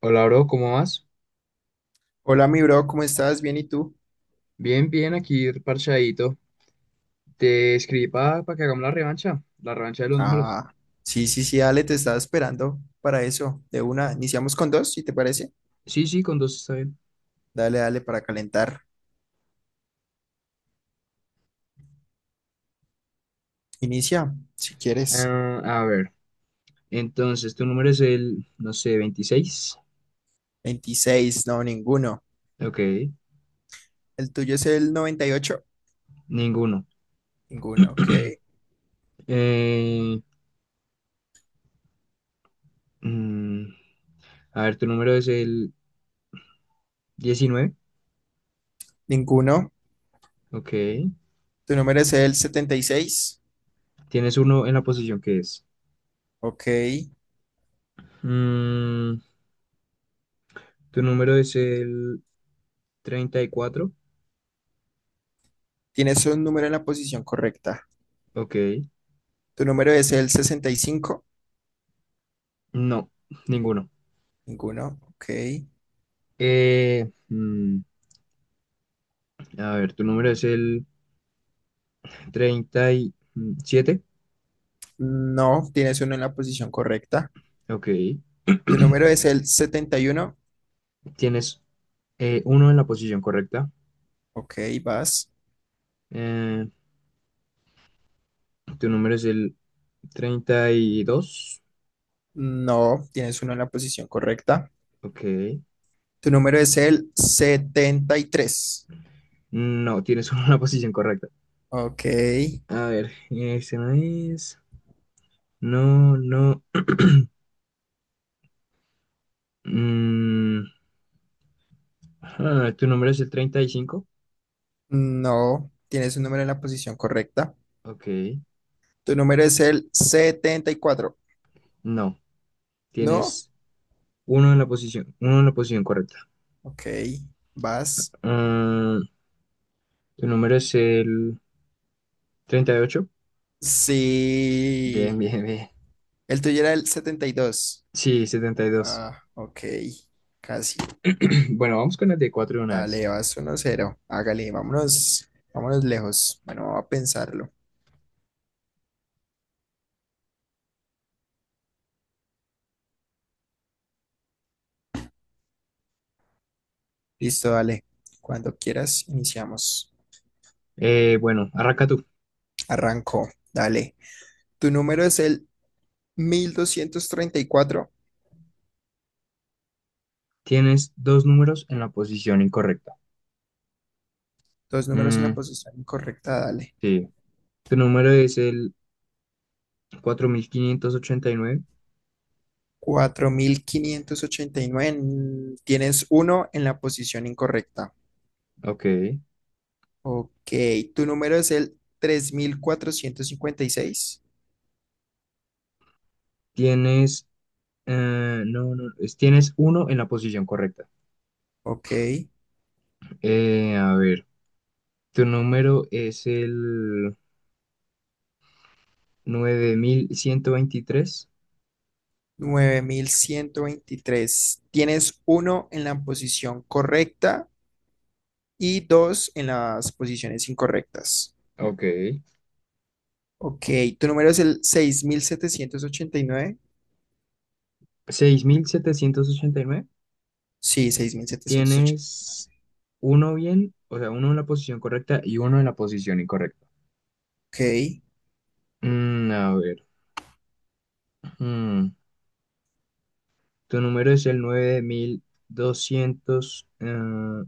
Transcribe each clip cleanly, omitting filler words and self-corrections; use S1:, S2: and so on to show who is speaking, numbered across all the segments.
S1: Hola, bro, ¿cómo vas?
S2: Hola, mi bro, ¿cómo estás? ¿Bien y tú?
S1: Bien, bien, aquí parchadito. Te escribí para que hagamos la revancha de los números.
S2: Ah, sí, sí, sí, dale, te estaba esperando para eso. De una, iniciamos con dos, si te parece.
S1: Sí, sí, con dos está bien.
S2: Dale, dale, para calentar. Inicia, si quieres.
S1: Ah, a ver, entonces tu número es el, no sé, 26.
S2: 26, no, ninguno.
S1: Ok,
S2: ¿El tuyo es el noventa y ocho?
S1: ninguno.
S2: Ninguno, ok.
S1: Eh, mm, a ver, tu número es el 19.
S2: Ninguno.
S1: Ok,
S2: ¿Tu número es el setenta y seis?
S1: tienes uno en la posición que es.
S2: Ok.
S1: Mm, Tu número es el 34.
S2: ¿Tienes un número en la posición correcta?
S1: Ok,
S2: ¿Tu número es el sesenta y cinco?
S1: no, ninguno.
S2: Ninguno, ok.
S1: Eh, mm, A ver, tu número es el 37.
S2: No, tienes uno en la posición correcta.
S1: Ok.
S2: ¿Tu número es el setenta y uno?
S1: Tienes uno en la posición correcta.
S2: Ok, vas.
S1: Eh, Tu número es el 32.
S2: No, tienes uno en la posición correcta.
S1: Ok.
S2: Tu número es el 73.
S1: No, tienes uno en la posición correcta.
S2: Ok.
S1: A ver, ese no es. No, no. Mm, ah, tu número es el 35.
S2: No, tienes un número en la posición correcta.
S1: Ok.
S2: Tu número es el 74.
S1: No,
S2: ¿No?
S1: tienes uno en la posición correcta.
S2: Ok, vas.
S1: Mm, Tu número es el 38. Bien,
S2: Sí.
S1: bien, bien.
S2: El tuyo era el 72.
S1: Sí, 72.
S2: Ah, ok. Casi.
S1: Bueno, vamos con las de cuatro de una vez.
S2: Dale, vas uno cero. Hágale, vámonos. Vámonos lejos. Bueno, vamos a pensarlo. Listo, dale. Cuando quieras, iniciamos.
S1: Bueno, arranca tú.
S2: Arrancó, dale. Tu número es el 1234.
S1: Tienes dos números en la posición incorrecta.
S2: Dos números en la
S1: Mm,
S2: posición incorrecta, dale.
S1: sí. Tu número es el 4589.
S2: 4589. Tienes uno en la posición incorrecta.
S1: Ok.
S2: Ok. Tu número es el 3456.
S1: Tienes. No, no. Tienes uno en la posición correcta.
S2: Ok.
S1: A ver. Tu número es el 9123.
S2: Nueve mil ciento veintitrés. Tienes uno en la posición correcta y dos en las posiciones incorrectas.
S1: Ok.
S2: Ok. Tu número es el 6789.
S1: 6789.
S2: Sí, 6780.
S1: Tienes uno bien, o sea, uno en la posición correcta y uno en la posición incorrecta.
S2: Ok.
S1: A ver. mm, Tu número es el 9200,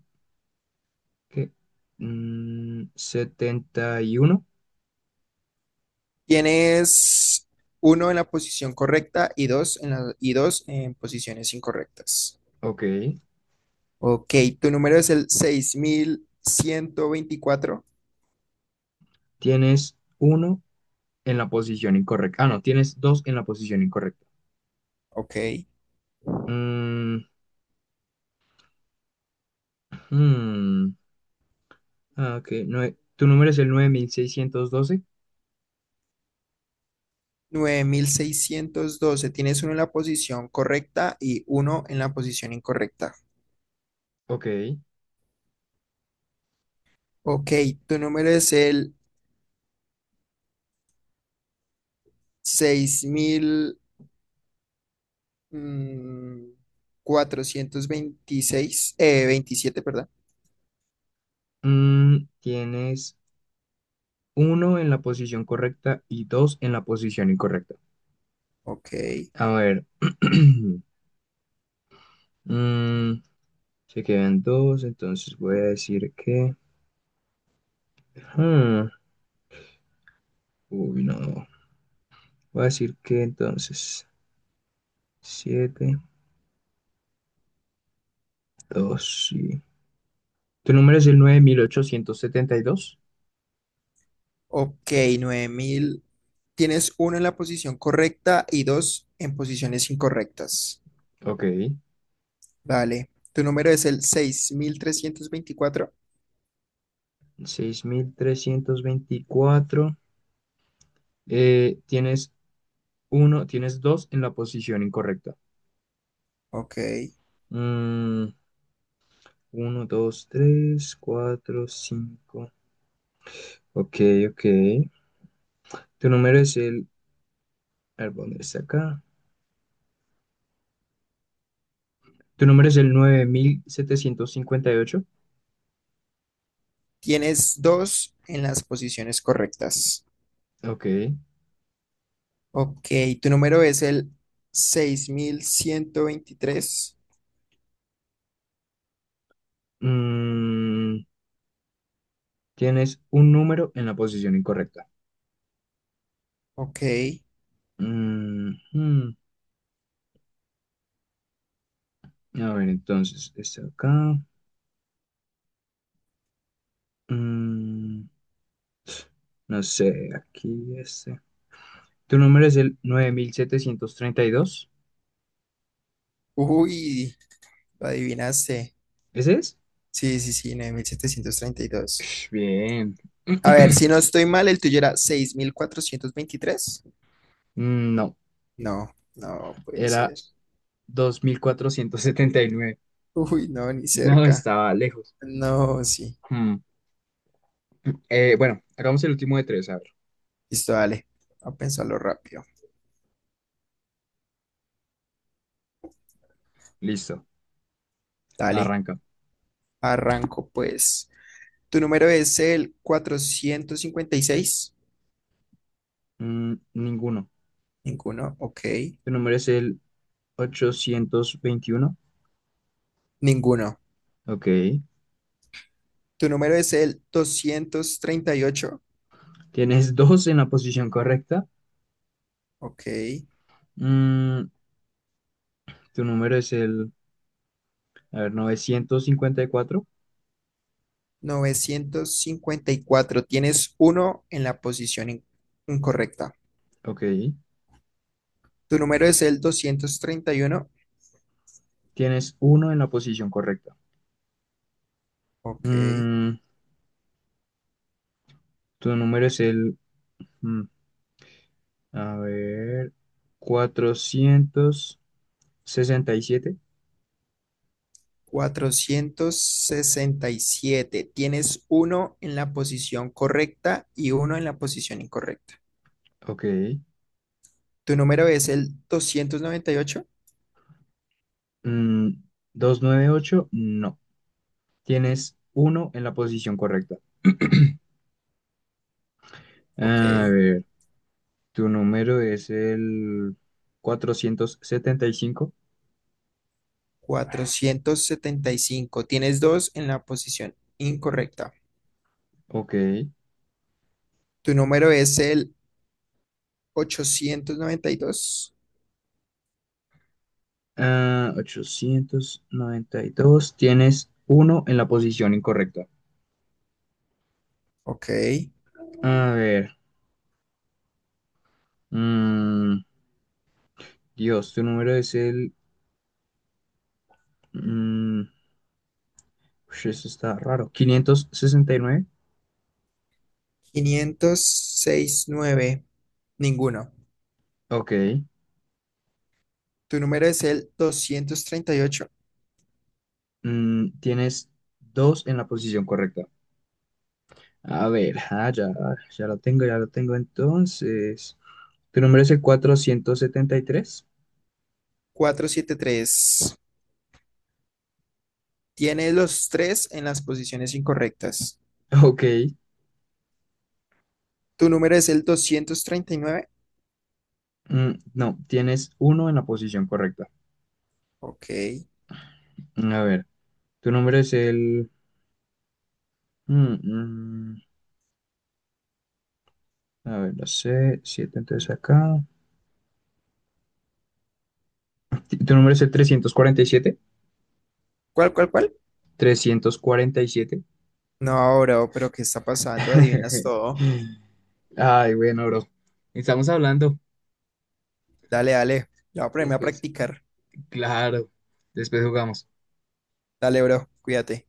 S1: ¿qué? 71.
S2: Tienes uno en la posición correcta y dos y dos en posiciones incorrectas.
S1: Ok.
S2: Ok, tu número es el 6124.
S1: Tienes uno en la posición incorrecta. Ah, no, tienes dos en la posición incorrecta.
S2: Ok.
S1: Mm, hmm, ah, ok. Tu número es el 9612.
S2: Nueve mil seiscientos doce. Tienes uno en la posición correcta y uno en la posición incorrecta.
S1: Ok.
S2: Ok, tu número es el 6426, 27, perdón.
S1: Tienes uno en la posición correcta y dos en la posición incorrecta.
S2: Ok.
S1: A ver. mm, Se quedan dos, entonces voy a decir que. Hmm, Uy, no. Voy a decir que entonces. Siete, dos, sí. ¿Tu número es el 9872?
S2: Ok, 9000. Tienes uno en la posición correcta y dos en posiciones incorrectas.
S1: Ok.
S2: Dale. Tu número es el seis mil trescientos veinticuatro.
S1: 6324. Tienes tienes dos en la posición incorrecta.
S2: Ok.
S1: Mm, Uno, dos, tres, cuatro, cinco. Ok, ok. Tu número es el... A ver, ¿dónde está acá? Tu número es el
S2: Tienes dos en las posiciones correctas.
S1: 9758. Ok.
S2: Ok. Tu número es el 6123.
S1: Mm, Tienes un número en la posición incorrecta.
S2: Ok.
S1: Mm, mm. A ver, entonces, está acá. Mm, no sé, aquí este. Tu número es el 9732.
S2: Uy, lo adivinaste.
S1: ¿Ese es?
S2: Sí, sí, sí, 9732.
S1: Ush, bien.
S2: A ver, si no estoy mal, el tuyo era 6423.
S1: Mm, no,
S2: No, no puede
S1: era
S2: ser.
S1: 2479.
S2: Uy, no, ni
S1: No,
S2: cerca.
S1: estaba lejos.
S2: No, sí.
S1: Hmm. Bueno, hagamos el último de tres. A ver,
S2: Listo, dale. A pensarlo rápido.
S1: listo.
S2: Dale,
S1: Arranca.
S2: arranco pues. ¿Tu número es el cuatrocientos cincuenta y seis?
S1: Mm, ninguno.
S2: Ninguno, ok.
S1: Tu número es el 821.
S2: Ninguno.
S1: Ok.
S2: ¿Tu número es el 238?
S1: Tienes dos en la posición correcta.
S2: Ok.
S1: Mm, Tu número es el, a ver, 954.
S2: Novecientos cincuenta y cuatro. Tienes uno en la posición incorrecta.
S1: Ok.
S2: ¿Tu número es el doscientos treinta y uno?
S1: Tienes uno en la posición correcta.
S2: Ok.
S1: Mm, Tu número es el, mm, a ver, 467.
S2: Cuatrocientos sesenta y siete. Tienes uno en la posición correcta y uno en la posición incorrecta.
S1: Ok.
S2: ¿Tu número es el 298?
S1: Mm, 298, no. Tienes uno en la posición correcta.
S2: Ok.
S1: A ver, tu número es el 475.
S2: Cuatrocientos setenta y cinco. Tienes dos en la posición incorrecta.
S1: Ok.
S2: ¿Tu número es el 892?
S1: Ah, 892. Tienes uno en la posición incorrecta.
S2: Ok.
S1: A ver. mm, Dios, tu número es el... mm, Ush, eso está raro. 569.
S2: Quinientos sesenta y nueve. Ninguno.
S1: Ok.
S2: ¿Tu número es el
S1: Tienes dos en la posición correcta. A ver, ah, ya, ya lo tengo entonces. ¿Tu número es el 473?
S2: 238? Tres Tiene los tres en las posiciones incorrectas.
S1: Ok.
S2: ¿Tu número es el doscientos treinta y nueve?
S1: Mm, no, tienes uno en la posición correcta.
S2: Ok.
S1: A ver, tu número es el... mm, mm, a ver, no sé, siete entonces acá. ¿Tu número es el trescientos cuarenta y siete?
S2: ¿Cuál, cuál, cuál?
S1: 347.
S2: No, bro, pero ¿qué está pasando? Adivinas todo.
S1: Ay, bueno, bro. Estamos hablando.
S2: Dale, dale. Ya voy a ponerme a
S1: Después,
S2: practicar.
S1: claro. Después jugamos.
S2: Dale, bro. Cuídate.